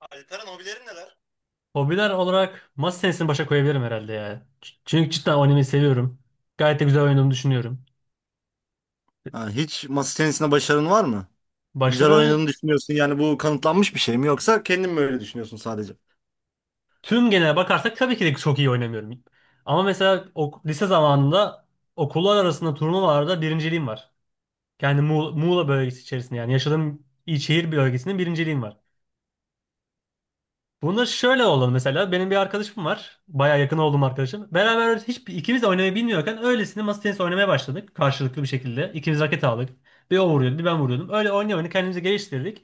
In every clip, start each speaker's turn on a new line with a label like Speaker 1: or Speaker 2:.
Speaker 1: Alperen hobilerin neler?
Speaker 2: Hobiler olarak masa tenisini başa koyabilirim herhalde ya. Çünkü cidden oynamayı seviyorum. Gayet de güzel oynadığımı düşünüyorum.
Speaker 1: Ha, hiç masa tenisinde başarın var mı? Güzel
Speaker 2: Başarı
Speaker 1: oynadığını düşünüyorsun yani bu kanıtlanmış bir şey mi yoksa kendin mi öyle düşünüyorsun sadece?
Speaker 2: tüm genel bakarsak tabii ki de çok iyi oynamıyorum. Ama mesela lise zamanında okullar arasında turnuvalarda birinciliğim var. Yani Muğla bölgesi içerisinde yani yaşadığım il şehir bölgesinin birinciliğim var. Bunu şöyle oldu mesela. Benim bir arkadaşım var. Baya yakın olduğum arkadaşım. Beraber hiç ikimiz de oynamayı bilmiyorken öylesine masa tenisi oynamaya başladık. Karşılıklı bir şekilde. İkimiz raket aldık. Bir o vuruyordu, bir ben vuruyordum. Öyle oynaya oynaya kendimizi geliştirdik.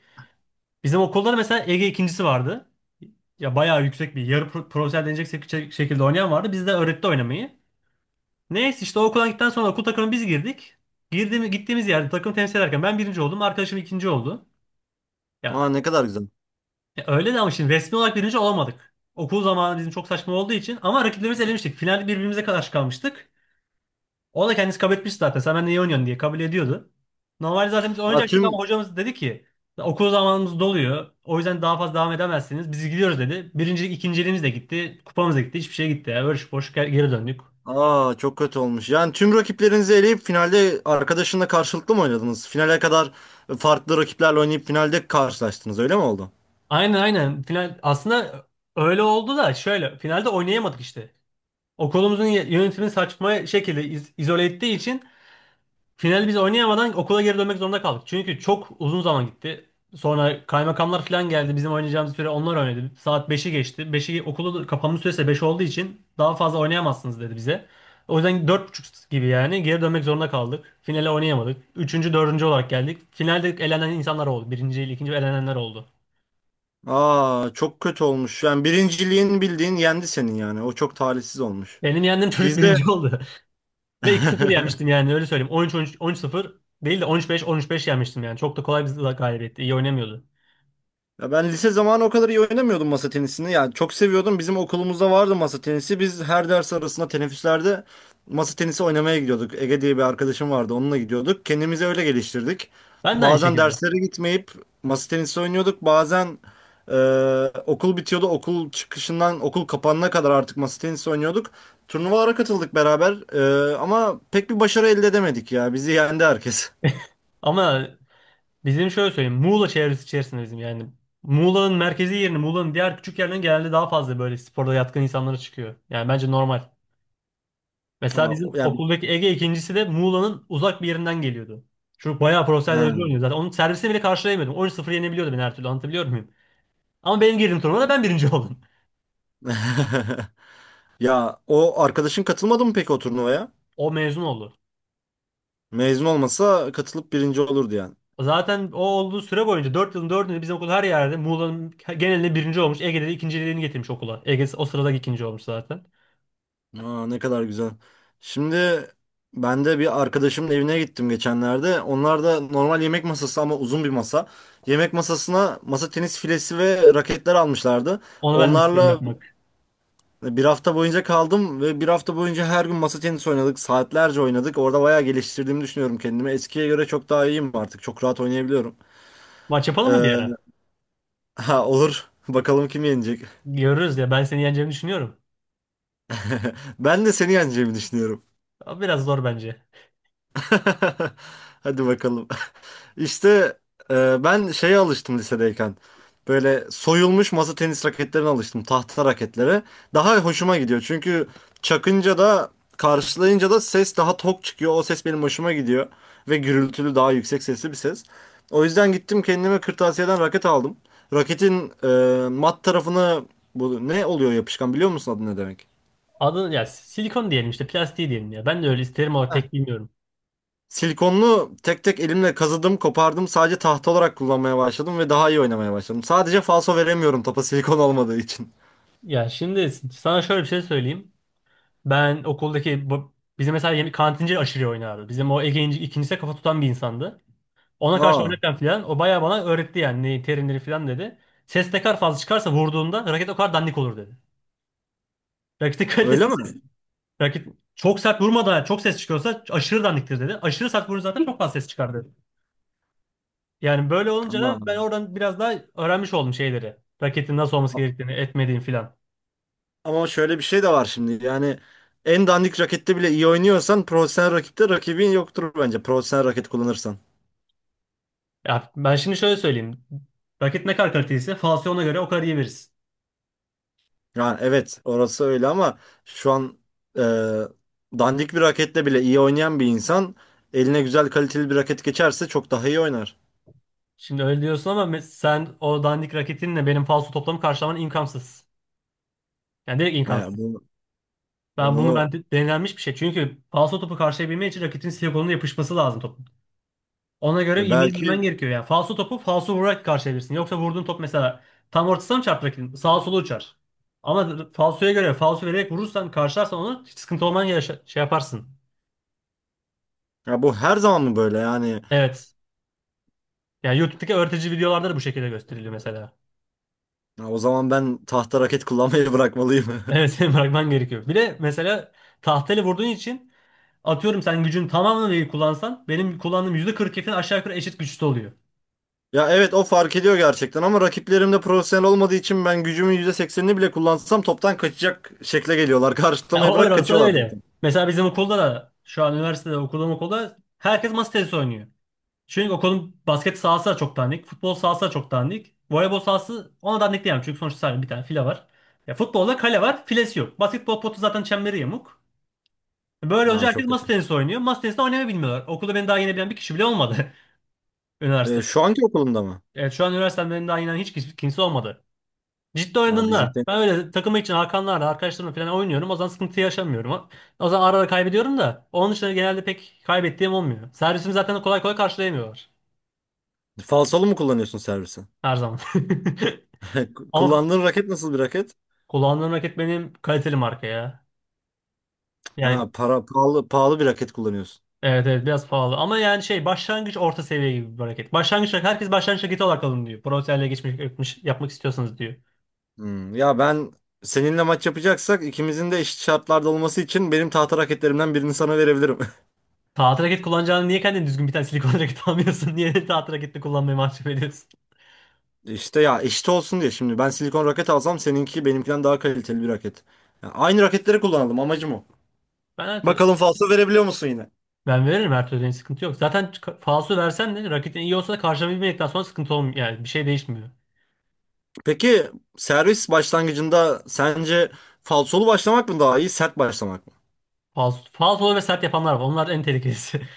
Speaker 2: Bizim okulda da mesela Ege ikincisi vardı. Ya bayağı yüksek bir yarı profesyonel denecek şekilde oynayan vardı. Biz de öğretti oynamayı. Neyse işte o okula gittikten sonra okul takımına biz girdik. Girdiğimiz, gittiğimiz yerde takım temsil ederken ben birinci oldum. Arkadaşım ikinci oldu. Ya.
Speaker 1: Aa ne kadar güzel.
Speaker 2: Ya öyle de ama şimdi resmi olarak birinci olamadık. Okul zamanı bizim çok saçma olduğu için ama rakiplerimizi elemiştik. Finalde birbirimize karşı kalmıştık. O da kendisi kabul etmiş zaten. Sen benimle iyi oynuyorsun diye kabul ediyordu. Normalde zaten biz
Speaker 1: Aa
Speaker 2: oynayacaktık ama
Speaker 1: tüm.
Speaker 2: hocamız dedi ki okul zamanımız doluyor. O yüzden daha fazla devam edemezsiniz. Biz gidiyoruz dedi. Birincilik, ikinciliğimiz de gitti. Kupamız da gitti. Hiçbir şey gitti. Yani boş boş geri döndük.
Speaker 1: Aa çok kötü olmuş. Yani tüm rakiplerinizi eleyip finalde arkadaşınla karşılıklı mı oynadınız? Finale kadar farklı rakiplerle oynayıp finalde karşılaştınız, öyle mi oldu?
Speaker 2: Aynen, aynen. Final aslında öyle oldu da şöyle finalde oynayamadık işte. Okulumuzun yönetimi saçma şekilde izole ettiği için finali biz oynayamadan okula geri dönmek zorunda kaldık. Çünkü çok uzun zaman gitti. Sonra kaymakamlar falan geldi. Bizim oynayacağımız süre onlar oynadı. Saat beşi geçti. Beşi okulu kapanma süresi 5 olduğu için daha fazla oynayamazsınız dedi bize. O yüzden dört buçuk gibi yani geri dönmek zorunda kaldık. Finale oynayamadık. Üçüncü, dördüncü olarak geldik. Finalde elenen insanlar oldu. Birinci ile ikinci elenenler oldu.
Speaker 1: Aa çok kötü olmuş. Yani birinciliğin bildiğin yendi senin yani. O çok talihsiz olmuş.
Speaker 2: Benim yendiğim çocuk
Speaker 1: Bizde.
Speaker 2: birinci oldu. Ve 2 sıfır yenmiştim yani öyle söyleyeyim. 13-13, 13-0 değil de 13-5, 13-5 yenmiştim yani. Çok da kolay bir galibiyetti. İyi oynamıyordu.
Speaker 1: Ya ben lise zamanı o kadar iyi oynamıyordum masa tenisini. Yani çok seviyordum. Bizim okulumuzda vardı masa tenisi. Biz her ders arasında teneffüslerde masa tenisi oynamaya gidiyorduk. Ege diye bir arkadaşım vardı. Onunla gidiyorduk. Kendimizi öyle geliştirdik.
Speaker 2: Ben de aynı
Speaker 1: Bazen
Speaker 2: şekilde.
Speaker 1: derslere gitmeyip masa tenisi oynuyorduk. Bazen e, okul bitiyordu. Okul çıkışından okul kapanana kadar artık masa tenisi oynuyorduk. Turnuvalara katıldık beraber. Ama pek bir başarı elde edemedik ya. Bizi yendi herkes.
Speaker 2: Ama bizim şöyle söyleyeyim. Muğla çevresi içerisinde bizim yani. Muğla'nın merkezi yerine Muğla'nın diğer küçük yerlerinden genelde daha fazla böyle sporda yatkın insanlara çıkıyor. Yani bence normal. Mesela
Speaker 1: Ha,
Speaker 2: bizim okuldaki Ege ikincisi de Muğla'nın uzak bir yerinden geliyordu. Çocuk bayağı profesyonel
Speaker 1: ha.
Speaker 2: derece oynuyor zaten. Onun servisini bile karşılayamadım. 13 sıfır yenebiliyordu beni her türlü, anlatabiliyor muyum? Ama benim girdiğim turnuvada ben birinci oldum.
Speaker 1: Ya o arkadaşın katılmadı mı peki o turnuvaya?
Speaker 2: O mezun oldu.
Speaker 1: Mezun olmasa katılıp birinci olurdu yani.
Speaker 2: Zaten o olduğu süre boyunca 4 yılın 4'ünde bizim okul her yerde Muğla'nın genelinde birinci olmuş. Ege'de de ikinciliğini getirmiş okula. Ege o sırada ikinci olmuş zaten.
Speaker 1: Aa, ne kadar güzel. Şimdi ben de bir arkadaşımın evine gittim geçenlerde. Onlar da normal yemek masası ama uzun bir masa. Yemek masasına masa tenis filesi ve raketler almışlardı.
Speaker 2: Onu ben de isterim
Speaker 1: Onlarla
Speaker 2: yapmak.
Speaker 1: bir hafta boyunca kaldım ve bir hafta boyunca her gün masa tenisi oynadık. Saatlerce oynadık. Orada bayağı geliştirdiğimi düşünüyorum kendimi. Eskiye göre çok daha iyiyim artık. Çok rahat oynayabiliyorum.
Speaker 2: Maç yapalım mı bir ara?
Speaker 1: Ee, ha, olur. Bakalım kim yenecek.
Speaker 2: Görürüz ya, ben seni yeneceğimi düşünüyorum.
Speaker 1: Ben de seni yeneceğimi düşünüyorum.
Speaker 2: Ama biraz zor bence.
Speaker 1: Hadi bakalım. İşte ben şeye alıştım lisedeyken. Böyle soyulmuş masa tenis raketlerine alıştım. Tahta raketlere. Daha hoşuma gidiyor. Çünkü çakınca da karşılayınca da ses daha tok çıkıyor. O ses benim hoşuma gidiyor. Ve gürültülü daha yüksek sesli bir ses. O yüzden gittim kendime kırtasiyeden raket aldım. Raketin mat tarafını, bu ne oluyor yapışkan, biliyor musun adı ne demek?
Speaker 2: Adını ya silikon diyelim işte plastiği diyelim ya. Ben de öyle isterim ama
Speaker 1: Heh,
Speaker 2: pek bilmiyorum.
Speaker 1: silikonlu tek tek elimle kazıdım, kopardım. Sadece tahta olarak kullanmaya başladım ve daha iyi oynamaya başladım. Sadece falso veremiyorum topa, silikon olmadığı için.
Speaker 2: Ya şimdi sana şöyle bir şey söyleyeyim. Ben okuldaki bizim mesela yeni kantinci aşırı oynardı. Bizim o Ege ikincisine kafa tutan bir insandı. Ona karşı
Speaker 1: Aa,
Speaker 2: oynarken filan o bayağı bana öğretti yani ne terimleri filan dedi. Ses ne kadar fazla çıkarsa vurduğunda raket o kadar dandik olur dedi. Raketin
Speaker 1: öyle
Speaker 2: kalitesi
Speaker 1: mi?
Speaker 2: ses. Raket çok sert vurmadan çok ses çıkıyorsa aşırı dandiktir dedi. Aşırı sert vurunca zaten çok fazla ses çıkar dedi. Yani böyle olunca
Speaker 1: Allah
Speaker 2: da ben
Speaker 1: Allah.
Speaker 2: oradan biraz daha öğrenmiş oldum şeyleri. Raketin nasıl olması gerektiğini, etmediğini filan.
Speaker 1: Ama şöyle bir şey de var şimdi. Yani en dandik rakette bile iyi oynuyorsan profesyonel rakipte rakibin yoktur bence. Profesyonel raket kullanırsan.
Speaker 2: Ya ben şimdi şöyle söyleyeyim. Raket ne kadar kaliteliyse falso ona göre o kadar iyi veririz.
Speaker 1: Yani evet, orası öyle ama şu an e, dandik bir raketle bile iyi oynayan bir insan eline güzel kaliteli bir raket geçerse çok daha iyi oynar.
Speaker 2: Şimdi öyle diyorsun ama sen o dandik raketinle benim falso toplamı karşılaman imkansız. Yani direkt
Speaker 1: Yani
Speaker 2: imkansız.
Speaker 1: bunu,
Speaker 2: Ben bunu
Speaker 1: bunu
Speaker 2: ben denenmiş bir şey. Çünkü falso topu karşılayabilmek için raketin silikonuna yapışması lazım top. Ona göre ivmeyi
Speaker 1: belki.
Speaker 2: vermen gerekiyor yani. Falso topu falso vurarak karşılayabilirsin. Yoksa vurduğun top mesela tam ortasına mı çarpacak? Sağa sola uçar. Ama falsoya göre falso vererek vurursan karşılarsan onu hiç sıkıntı olman ya şey yaparsın.
Speaker 1: Ya bu her zaman mı böyle yani?
Speaker 2: Evet. Yani YouTube'daki öğretici videolarda da bu şekilde gösteriliyor mesela.
Speaker 1: Ya o zaman ben tahta raket kullanmayı bırakmalıyım.
Speaker 2: Evet, senin bırakman gerekiyor. Bir de mesela tahtayla vurduğun için atıyorum sen gücün tamamını değil kullansan benim kullandığım %42'den aşağı yukarı eşit güçte oluyor.
Speaker 1: Ya evet, o fark ediyor gerçekten ama rakiplerim de profesyonel olmadığı için ben gücümün %80'ini bile kullansam toptan kaçacak şekle geliyorlar.
Speaker 2: Ya,
Speaker 1: Karşılamayı
Speaker 2: o öyle
Speaker 1: bırak,
Speaker 2: olsa
Speaker 1: kaçıyorlar
Speaker 2: öyle.
Speaker 1: toptan.
Speaker 2: Mesela bizim okulda da şu an üniversitede okuduğum okulda herkes masa tenisi oynuyor. Çünkü okulun basket sahası da çok dandik. Futbol sahası da çok dandik. Voleybol sahası ona dandik diyemem. Çünkü sonuçta sadece bir tane file var. Ya futbolda kale var, filesi yok. Basketbol potu zaten çemberi yamuk. Böyle önce
Speaker 1: Ha,
Speaker 2: herkes
Speaker 1: çok
Speaker 2: masa
Speaker 1: kötü.
Speaker 2: tenisi oynuyor. Masa tenisi de oynamayı bilmiyorlar. Okulda beni daha yenebilen bir kişi bile olmadı üniversitede.
Speaker 1: Şu anki okulunda mı?
Speaker 2: Evet, şu an üniversiteden beni daha yenen hiç kimse olmadı. Ciddi
Speaker 1: Ha,
Speaker 2: oynadığında ben öyle takımı için Hakanlarla, arkadaşlarımla falan oynuyorum. O zaman sıkıntı yaşamıyorum. O zaman ara ara kaybediyorum da onun dışında genelde pek kaybettiğim olmuyor. Servisimi zaten kolay kolay karşılayamıyorlar
Speaker 1: falsolu mu kullanıyorsun servisi?
Speaker 2: her zaman. Ama
Speaker 1: Kullandığın raket nasıl bir raket?
Speaker 2: kullandığım raket benim kaliteli marka ya. Yani
Speaker 1: Ha, para pahalı pahalı bir raket kullanıyorsun.
Speaker 2: evet, evet, biraz pahalı. Ama yani şey başlangıç orta seviye gibi bir raket. Başlangıç raket herkes başlangıç raketi olarak alın diyor. Profesyonelle geçmek yapmak istiyorsanız diyor.
Speaker 1: Ya ben seninle maç yapacaksak ikimizin de eşit şartlarda olması için benim tahta raketlerimden birini sana verebilirim.
Speaker 2: Taht raket kullanacağını niye kendin düzgün bir tane silikon raket almıyorsun? Niye taht raketini kullanmayı mahcup ediyorsun?
Speaker 1: İşte ya eşit olsun diye, şimdi ben silikon raket alsam seninki benimkinden daha kaliteli bir raket. Ya aynı raketleri kullanalım, amacım o.
Speaker 2: Ben her türlü,
Speaker 1: Bakalım falso verebiliyor musun yine?
Speaker 2: ben veririm her türlü yani sıkıntı yok. Zaten falso versen de raketin iyi olsa da karşılamayı sonra sıkıntı olmuyor. Yani bir şey değişmiyor.
Speaker 1: Peki servis başlangıcında sence falsolu başlamak mı daha iyi, sert başlamak mı?
Speaker 2: Falso, falsolu ve sert yapanlar var. Onlar en tehlikelisi.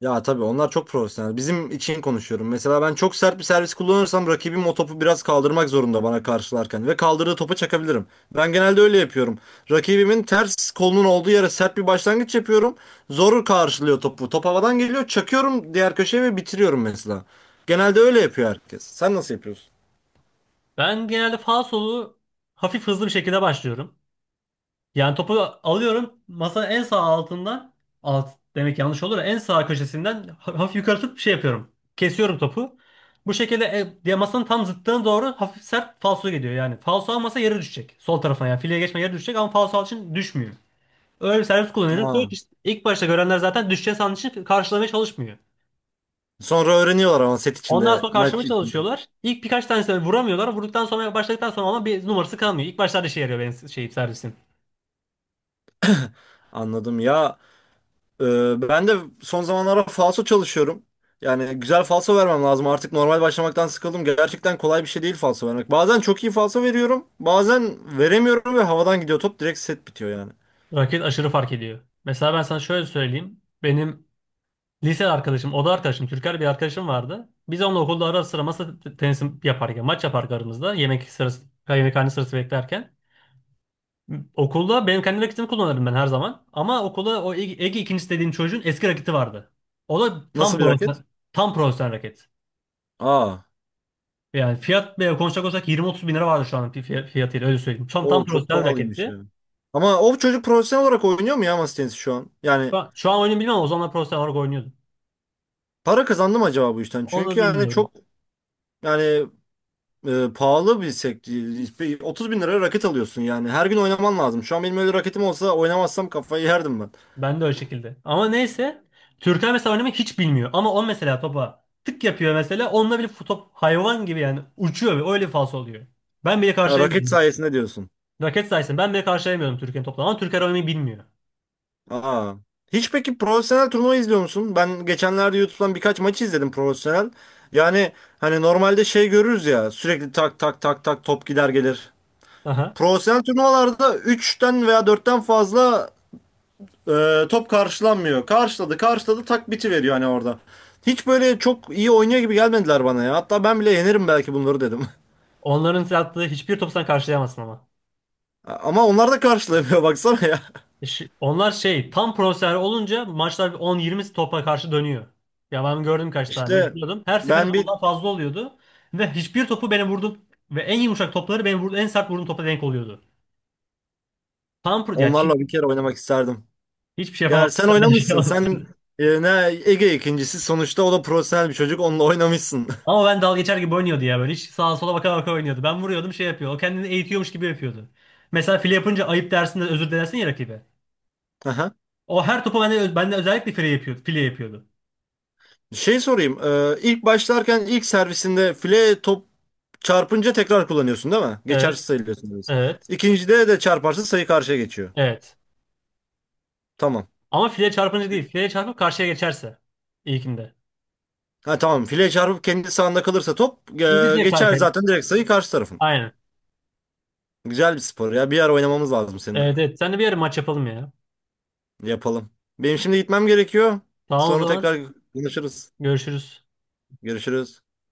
Speaker 1: Ya tabii onlar çok profesyonel. Bizim için konuşuyorum. Mesela ben çok sert bir servis kullanırsam rakibim o topu biraz kaldırmak zorunda bana karşılarken ve kaldırdığı topa çakabilirim. Ben genelde öyle yapıyorum. Rakibimin ters kolunun olduğu yere sert bir başlangıç yapıyorum. Zor karşılıyor topu. Top havadan geliyor, çakıyorum diğer köşeye ve bitiriyorum mesela. Genelde öyle yapıyor herkes. Sen nasıl yapıyorsun?
Speaker 2: Ben genelde falsolu hafif hızlı bir şekilde başlıyorum. Yani topu alıyorum masanın en sağ altından, alt demek yanlış olur, en sağ köşesinden hafif yukarı tutup şey yapıyorum. Kesiyorum topu. Bu şekilde diye masanın tam zıttığına doğru hafif sert falso gidiyor yani. Falso almasa yere düşecek. Sol tarafına yani fileye geçme yere düşecek ama falso aldığı için düşmüyor. Öyle bir servis kullanıyorum.
Speaker 1: Ha.
Speaker 2: Çok işte ilk başta görenler zaten düşeceği sandığı için karşılamaya çalışmıyor.
Speaker 1: Sonra öğreniyorlar ama set
Speaker 2: Ondan
Speaker 1: içinde,
Speaker 2: sonra
Speaker 1: maç
Speaker 2: karşılamaya
Speaker 1: içinde.
Speaker 2: çalışıyorlar. İlk birkaç tanesini vuramıyorlar. Vurduktan sonra başladıktan sonra ama bir numarası kalmıyor. İlk başlarda işe yarıyor benim şeyim servisim.
Speaker 1: Anladım ya. Ben de son zamanlarda falso çalışıyorum. Yani güzel falso vermem lazım. Artık normal başlamaktan sıkıldım. Gerçekten kolay bir şey değil falso vermek. Bazen çok iyi falso veriyorum. Bazen veremiyorum ve havadan gidiyor top. Direkt set bitiyor yani.
Speaker 2: Raket aşırı fark ediyor. Mesela ben sana şöyle söyleyeyim. Benim lise arkadaşım, oda arkadaşım, Türker bir arkadaşım vardı. Biz onunla okulda ara sıra masa tenisi yaparken, maç yaparken aramızda yemek sırası, yemekhane sırası beklerken. Okulda benim kendi raketimi kullanırdım ben her zaman. Ama okulda o Ege, Ege ikincisi dediğim çocuğun eski raketi vardı. O da tam
Speaker 1: Nasıl bir raket?
Speaker 2: profesyonel, tam profesyonel raket.
Speaker 1: Aa,
Speaker 2: Yani fiyat bile konuşacak olsak 20-30 bin lira vardı şu an fiyatıyla öyle söyleyeyim. Tam, tam
Speaker 1: o çok
Speaker 2: profesyonel bir
Speaker 1: pahalıymış
Speaker 2: raketti.
Speaker 1: ya. Ama o çocuk profesyonel olarak oynuyor mu ya masa tenisi şu an? Yani
Speaker 2: Şu an, şu an oyunu bilmiyorum, o zamanlar profesyonel olarak oynuyordu.
Speaker 1: para kazandı mı acaba bu işten?
Speaker 2: Onu
Speaker 1: Çünkü yani
Speaker 2: bilmiyorum.
Speaker 1: çok yani pahalı bir sektör. 30 bin liraya raket alıyorsun yani. Her gün oynaman lazım. Şu an benim öyle raketim olsa oynamazsam kafayı yerdim ben.
Speaker 2: Ben de o şekilde. Ama neyse. Türkan mesela oynamayı hiç bilmiyor. Ama o mesela topa tık yapıyor mesela. Onunla bile top hayvan gibi yani uçuyor ve öyle falso oluyor. Ben bile
Speaker 1: Ha, raket
Speaker 2: karşılayamıyorum.
Speaker 1: sayesinde diyorsun.
Speaker 2: Raket sayesinde ben bile karşılayamıyorum Türkiye'nin topla. Ama Türkiye oynamayı bilmiyor.
Speaker 1: Aa. Hiç peki profesyonel turnuva izliyor musun? Ben geçenlerde YouTube'dan birkaç maçı izledim profesyonel. Yani hani normalde şey görürüz ya, sürekli tak tak tak tak top gider gelir.
Speaker 2: Aha.
Speaker 1: Profesyonel turnuvalarda üçten veya dörtten fazla top karşılanmıyor. Karşıladı karşıladı tak biti veriyor hani orada. Hiç böyle çok iyi oynuyor gibi gelmediler bana ya. Hatta ben bile yenerim belki bunları dedim.
Speaker 2: Onların size attığı hiçbir topu sen karşılayamazsın ama.
Speaker 1: Ama onlar da karşılamıyor baksana ya.
Speaker 2: Onlar şey tam profesyonel olunca maçlar bir 10-20 topa karşı dönüyor. Ya ben gördüm kaç tane
Speaker 1: İşte
Speaker 2: izliyordum. Her
Speaker 1: ben
Speaker 2: seferinde ondan fazla oluyordu. Ve hiçbir topu beni vurdum. Ve en yumuşak topları benim vurdu, en sert vurduğum topa denk oluyordu. Tam pro ya,
Speaker 1: onlarla bir kere oynamak isterdim.
Speaker 2: hiçbir şey
Speaker 1: Ya
Speaker 2: yapamadım.
Speaker 1: sen
Speaker 2: Sen de şey
Speaker 1: oynamışsın. Sen
Speaker 2: olsun.
Speaker 1: ne Ege ikincisi sonuçta, o da profesyonel bir çocuk. Onunla oynamışsın.
Speaker 2: Ama ben dalga geçer gibi oynuyordu ya böyle. Hiç sağa sola baka baka oynuyordu. Ben vuruyordum şey yapıyor. O kendini eğitiyormuş gibi yapıyordu. Mesela file yapınca ayıp dersin de özür dilersin ya rakibe.
Speaker 1: Aha.
Speaker 2: O her topu bende özellikle file yapıyordu. File yapıyordu.
Speaker 1: Şey sorayım. İlk başlarken ilk servisinde file top çarpınca tekrar kullanıyorsun değil mi?
Speaker 2: Evet,
Speaker 1: Geçersiz sayılıyorsun. Biz.
Speaker 2: evet,
Speaker 1: İkincide de çarparsa sayı karşıya geçiyor.
Speaker 2: evet.
Speaker 1: Tamam.
Speaker 2: Ama file çarpınca değil. File çarpıp karşıya geçerse. İlkinde.
Speaker 1: Ha, tamam. File çarpıp kendi sahanda kalırsa top
Speaker 2: İlkinde diye
Speaker 1: geçer
Speaker 2: kaykay.
Speaker 1: zaten, direkt sayı karşı tarafın.
Speaker 2: Aynen.
Speaker 1: Güzel bir spor ya. Bir ara oynamamız lazım seninle.
Speaker 2: Evet, evet. Sen de bir ara maç yapalım ya.
Speaker 1: Yapalım. Benim şimdi gitmem gerekiyor.
Speaker 2: Tamam o
Speaker 1: Sonra
Speaker 2: zaman.
Speaker 1: tekrar konuşuruz.
Speaker 2: Görüşürüz.
Speaker 1: Görüşürüz.